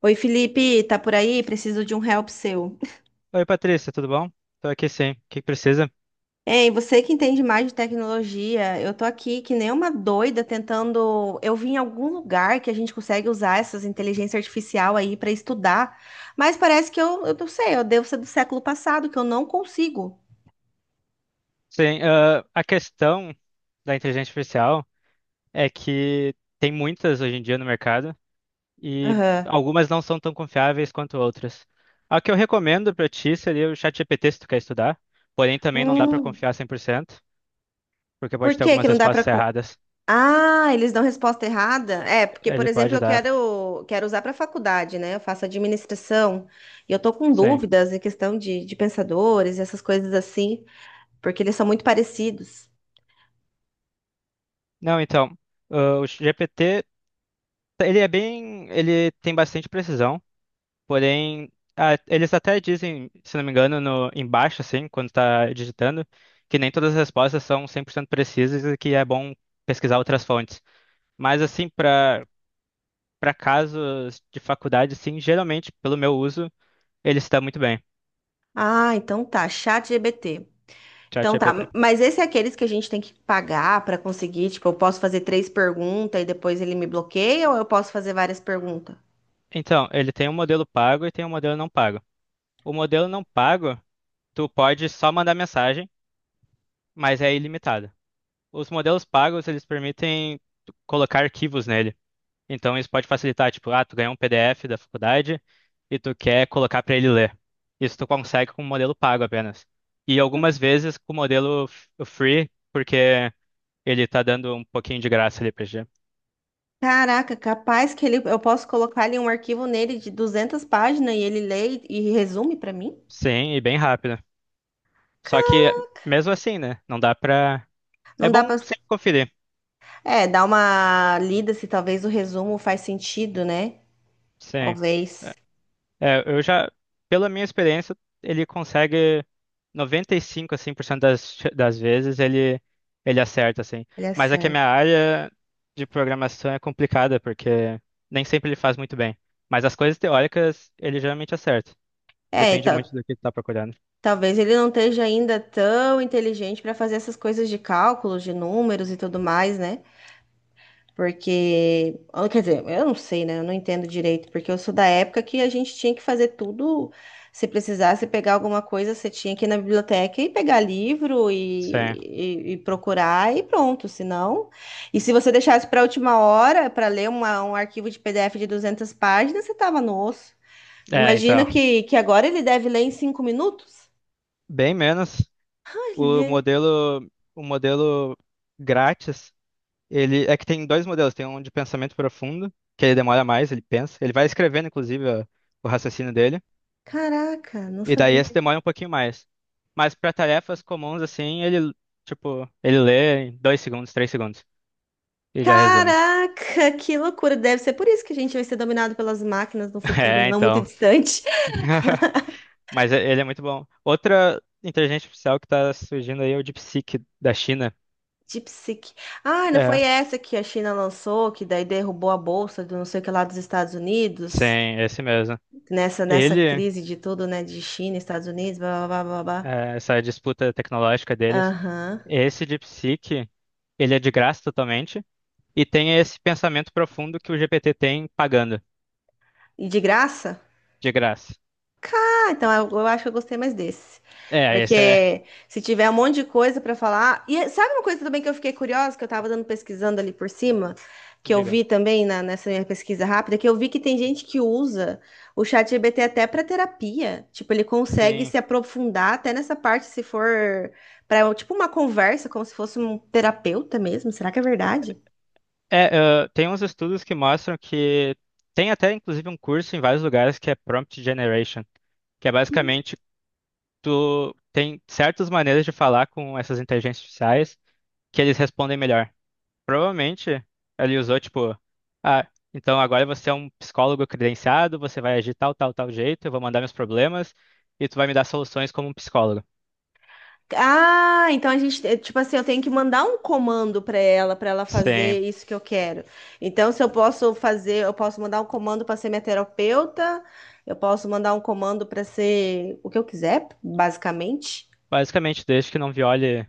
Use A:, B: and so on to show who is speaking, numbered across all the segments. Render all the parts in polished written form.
A: Oi, Felipe, tá por aí? Preciso de um help seu.
B: Oi, Patrícia, tudo bom? Estou aqui sim. O que que precisa?
A: Ei, você que entende mais de tecnologia, eu tô aqui que nem uma doida tentando. Eu vi em algum lugar que a gente consegue usar essas inteligência artificial aí pra estudar, mas parece que eu não sei, eu devo ser do século passado, que eu não consigo.
B: Sim, a questão da inteligência artificial é que tem muitas hoje em dia no mercado e
A: Aham.
B: algumas não são tão confiáveis quanto outras. A que eu recomendo para ti seria o ChatGPT se tu quer estudar, porém também não dá para
A: Hum,
B: confiar 100% porque pode
A: por
B: ter
A: que que
B: algumas
A: não dá
B: respostas
A: pra.
B: erradas.
A: Ah, eles dão resposta errada? É, porque, por
B: Ele
A: exemplo,
B: pode
A: eu
B: dar,
A: quero, quero usar para faculdade, né? Eu faço administração e eu tô com
B: sim.
A: dúvidas em questão de pensadores, essas coisas assim, porque eles são muito parecidos.
B: Não, então, o GPT, ele tem bastante precisão. Porém, eles até dizem, se não me engano, no, embaixo, assim, quando está digitando, que nem todas as respostas são 100% precisas e que é bom pesquisar outras fontes. Mas, assim, para casos de faculdade, sim, geralmente, pelo meu uso, ele está muito bem,
A: Ah, então tá, chat GBT. Então tá,
B: ChatGPT.
A: mas esse é aqueles que a gente tem que pagar para conseguir, tipo, eu posso fazer três perguntas e depois ele me bloqueia ou eu posso fazer várias perguntas?
B: Então, ele tem um modelo pago e tem um modelo não pago. O modelo não pago, tu pode só mandar mensagem, mas é ilimitado. Os modelos pagos, eles permitem tu colocar arquivos nele. Então isso pode facilitar, tipo, ah, tu ganhou um PDF da faculdade e tu quer colocar para ele ler. Isso tu consegue com o modelo pago apenas. E algumas vezes com o free, porque ele tá dando um pouquinho de graça ali pra gente.
A: Caraca, capaz que ele, eu posso colocar ali um arquivo nele de 200 páginas e ele lê e resume para mim?
B: Sim, e bem rápido. Só que mesmo assim, né? Não dá pra. É
A: Não dá pra.
B: bom sempre conferir.
A: É, dá uma lida se talvez o resumo faz sentido, né?
B: Sim.
A: Talvez
B: É, eu já, pela minha experiência, ele consegue 95, assim, por cento das vezes ele acerta, assim.
A: ele
B: Mas é que a minha
A: acerte.
B: área de programação é complicada, porque nem sempre ele faz muito bem. Mas as coisas teóricas ele geralmente acerta.
A: É,
B: Depende muito do que tu tá procurando.
A: talvez ele não esteja ainda tão inteligente para fazer essas coisas de cálculos, de números e tudo mais, né? Porque, ah, quer dizer, eu não sei, né? Eu não entendo direito, porque eu sou da época que a gente tinha que fazer tudo. Se precisasse pegar alguma coisa, você tinha que ir na biblioteca e pegar livro e,
B: Sim.
A: e procurar e pronto. Se não, e se você deixasse para a última hora para ler um arquivo de PDF de 200 páginas, você tava no osso.
B: É,
A: Imagina
B: então.
A: que agora ele deve ler em 5 minutos.
B: Bem menos. O
A: Olha,
B: modelo, o modelo grátis. Ele é que tem dois modelos, tem um de pensamento profundo, que ele demora mais, ele pensa, ele vai escrevendo o raciocínio dele,
A: caraca, não
B: e daí esse
A: sabia.
B: demora um pouquinho mais. Mas para tarefas comuns assim, ele tipo, ele lê em 2 segundos, 3 segundos e já resume.
A: Caraca, que loucura! Deve ser por isso que a gente vai ser dominado pelas máquinas no futuro
B: É,
A: não muito
B: então.
A: distante.
B: Mas ele é muito bom. Outra inteligência artificial que tá surgindo aí é o DeepSeek da China.
A: Deep Seek. Ah, não foi
B: É,
A: essa que a China lançou, que daí derrubou a bolsa do não sei o que lá dos Estados Unidos?
B: sim, esse mesmo.
A: Nessa
B: Ele,
A: crise de tudo, né? De China, Estados Unidos, blá blá blá blá blá.
B: é, essa disputa tecnológica deles,
A: Aham.
B: esse DeepSeek, ele é de graça totalmente. E tenha esse pensamento profundo que o GPT tem pagando,
A: E de graça?
B: de graça.
A: Cá, então eu acho que eu gostei mais desse.
B: É, esse é,
A: Porque se tiver um monte de coisa pra falar. E sabe uma coisa também que eu fiquei curiosa, que eu tava dando pesquisando ali por cima, que eu
B: diga.
A: vi também nessa minha pesquisa rápida, que eu vi que tem gente que usa o chat GPT até pra terapia. Tipo, ele consegue
B: Sim.
A: se aprofundar até nessa parte, se for para tipo uma conversa, como se fosse um terapeuta mesmo. Será que é verdade?
B: É, tem uns estudos que mostram que tem até inclusive um curso em vários lugares que é prompt generation, que é basicamente tu tem certas maneiras de falar com essas inteligências artificiais que eles respondem melhor. Provavelmente ele usou tipo, ah, então agora você é um psicólogo credenciado, você vai agir tal, tal, tal jeito, eu vou mandar meus problemas e tu vai me dar soluções como um psicólogo.
A: Ah, então a gente, é, tipo assim, eu tenho que mandar um comando para ela fazer
B: Sim.
A: isso que eu quero. Então, se eu posso fazer, eu posso mandar um comando para ser minha terapeuta, eu posso mandar um comando para ser o que eu quiser, basicamente,
B: Basicamente, desde que não viole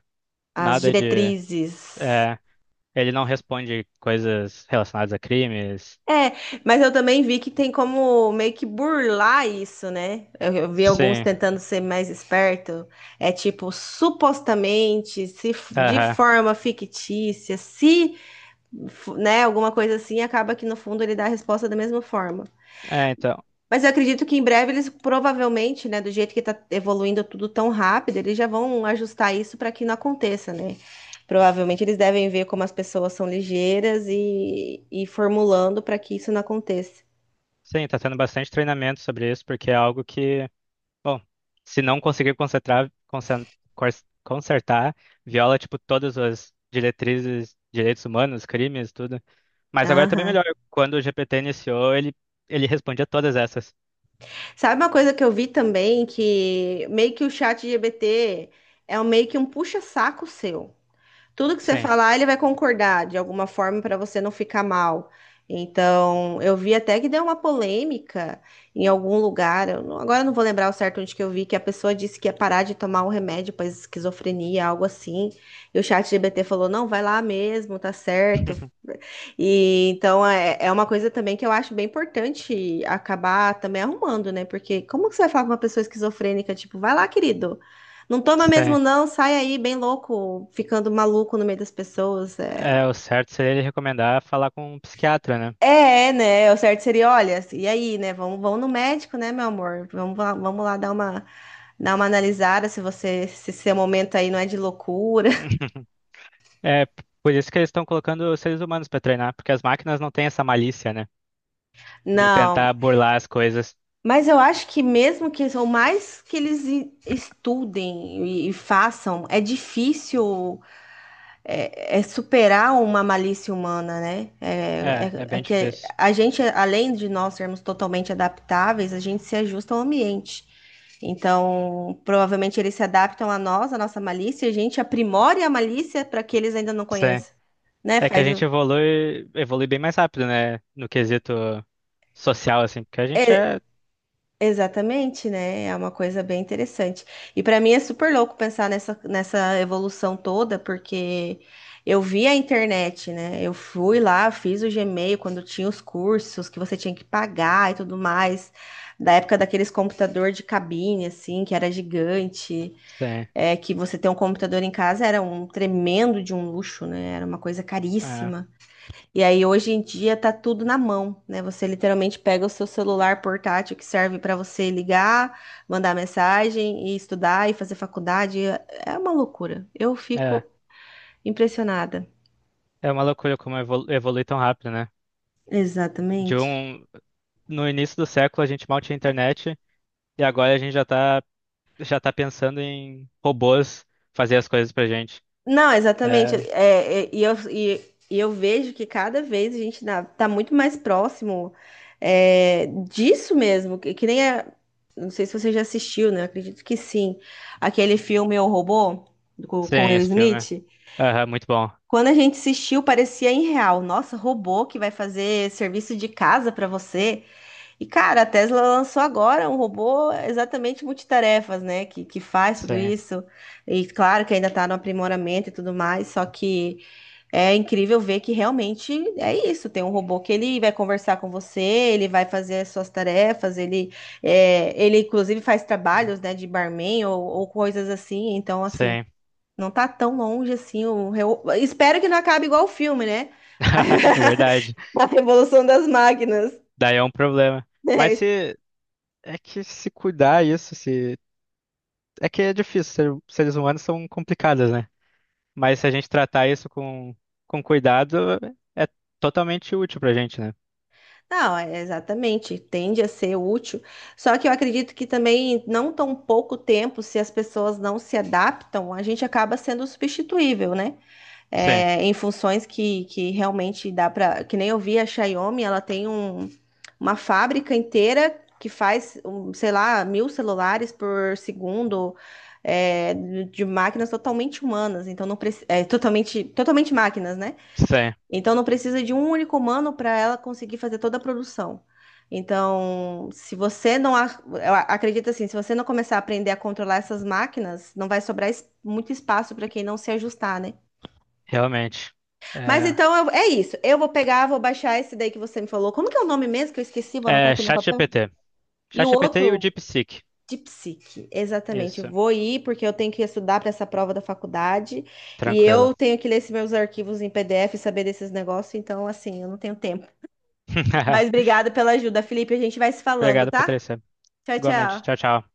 A: as
B: nada de.
A: diretrizes.
B: É, ele não responde coisas relacionadas a crimes.
A: É, mas eu também vi que tem como meio que burlar isso, né? Eu vi alguns
B: Sim,
A: tentando ser mais esperto. É tipo, supostamente, se f- de
B: aham.
A: forma fictícia, se f- né, alguma coisa assim, acaba que no fundo ele dá a resposta da mesma forma.
B: É, então.
A: Mas eu acredito que em breve eles provavelmente, né, do jeito que está evoluindo tudo tão rápido, eles já vão ajustar isso para que não aconteça, né? Provavelmente eles devem ver como as pessoas são ligeiras e formulando para que isso não aconteça.
B: Sim, tá tendo bastante treinamento sobre isso, porque é algo que, bom, se não conseguir cor- consertar, viola, tipo, todas as diretrizes, direitos humanos, crimes, tudo. Mas agora também
A: Aham.
B: melhor. Quando o GPT iniciou, ele respondia todas essas.
A: Sabe uma coisa que eu vi também, que meio que o chat GBT é meio que um puxa-saco seu. Tudo que você
B: Sim.
A: falar, ele vai concordar de alguma forma para você não ficar mal. Então, eu vi até que deu uma polêmica em algum lugar. Eu não- Agora eu não vou lembrar o certo onde que eu vi que a pessoa disse que ia parar de tomar o remédio para esquizofrenia, algo assim. E o chat G B T falou: "Não, vai lá mesmo, tá certo". E então é uma coisa também que eu acho bem importante acabar também arrumando, né? Porque como que você vai falar com uma pessoa esquizofrênica, tipo, vai lá, querido, não toma mesmo,
B: Sim.
A: não. Sai aí bem louco, ficando maluco no meio das pessoas.
B: É, o certo seria ele recomendar falar com um psiquiatra, né?
A: O certo seria, olha, e aí, né? Vamos no médico, né, meu amor? Vamos lá dar uma analisada se você, se seu momento aí não é de loucura.
B: Por isso que eles estão colocando os seres humanos para treinar, porque as máquinas não têm essa malícia, né? De
A: Não.
B: tentar burlar as coisas.
A: Mas eu acho que mesmo que, ou mais que eles estudem e façam, é difícil é superar uma malícia humana, né?
B: É, é
A: É
B: bem
A: que
B: difícil.
A: a gente, além de nós sermos totalmente adaptáveis, a gente se ajusta ao ambiente. Então, provavelmente eles se adaptam a nós, a nossa malícia, e a gente aprimora a malícia para que eles ainda não
B: Sim. É
A: conheçam, né?
B: é que a gente evolui, evolui bem mais rápido, né? No quesito social, assim, porque a gente
A: É,
B: é.
A: Exatamente, né? É uma coisa bem interessante. E para mim é super louco pensar nessa evolução toda, porque eu vi a internet, né? Eu fui lá, fiz o Gmail quando tinha os cursos que você tinha que pagar e tudo mais, da época daqueles computador de cabine, assim, que era gigante,
B: Sim.
A: é, que você ter um computador em casa era um tremendo de um luxo, né? Era uma coisa
B: É,
A: caríssima. E aí hoje em dia tá tudo na mão, né? Você literalmente pega o seu celular portátil que serve para você ligar, mandar mensagem e estudar e fazer faculdade. É uma loucura. Eu
B: é,
A: fico impressionada.
B: é uma loucura como evolui tão rápido, né? De
A: Exatamente.
B: um. No início do século a gente mal tinha internet e agora a gente já tá pensando em robôs fazer as coisas pra gente.
A: Não,
B: É,
A: exatamente. E eu vejo que cada vez tá, muito mais próximo é, disso mesmo. Que nem a, não sei se você já assistiu, né? Eu acredito que sim. Aquele filme O Robô, com
B: sim,
A: Will
B: esse filme.
A: Smith.
B: Aham, muito bom.
A: Quando a gente assistiu, parecia irreal. Nossa, robô que vai fazer serviço de casa para você. E, cara, a Tesla lançou agora um robô exatamente multitarefas, né? Que faz tudo
B: Sim,
A: isso. E claro que ainda está no aprimoramento e tudo mais. Só que é incrível ver que realmente é isso. Tem um robô que ele vai conversar com você, ele vai fazer as suas tarefas, ele, é, ele inclusive faz trabalhos, né, de barman ou coisas assim. Então, assim,
B: sim.
A: não tá tão longe assim. Espero que não acabe igual o filme, né?
B: Verdade.
A: A Revolução das Máquinas.
B: Daí é um problema. Mas
A: É,
B: se é que se cuidar isso, se é que é difícil, seres humanos são complicados, né? Mas se a gente tratar isso com cuidado, é totalmente útil pra gente, né?
A: Não, é exatamente. Tende a ser útil. Só que eu acredito que também, não tão pouco tempo, se as pessoas não se adaptam, a gente acaba sendo substituível, né?
B: Sim,
A: é, em funções que realmente dá para. Que nem eu vi a Xiaomi, ela tem uma fábrica inteira que faz, um, sei lá, 1.000 celulares por segundo, é, de máquinas totalmente humanas, então não preci- é, totalmente, totalmente máquinas, né?
B: sim,
A: Então não precisa de um único humano para ela conseguir fazer toda a produção. Então, se você não ac- eu a- acredito assim, se você não começar a aprender a controlar essas máquinas, não vai sobrar es- muito espaço para quem não se ajustar, né?
B: realmente. É,
A: É isso. Eu vou pegar, vou baixar esse daí que você me falou. Como que é o nome mesmo que eu esqueci? Vou anotar
B: é
A: aqui no papel.
B: ChatGPT.
A: E o
B: ChatGPT e o
A: outro,
B: DeepSeek.
A: de psique. Exatamente.
B: Isso,
A: Vou ir porque eu tenho que estudar para essa prova da faculdade e
B: tranquilo.
A: eu tenho que ler esses meus arquivos em PDF e saber desses negócios. Então, assim, eu não tenho tempo. Mas obrigada pela ajuda, Felipe. A gente vai se falando,
B: Obrigado,
A: tá?
B: Patrícia.
A: Tchau,
B: Igualmente. Tchau,
A: tchau.
B: tchau.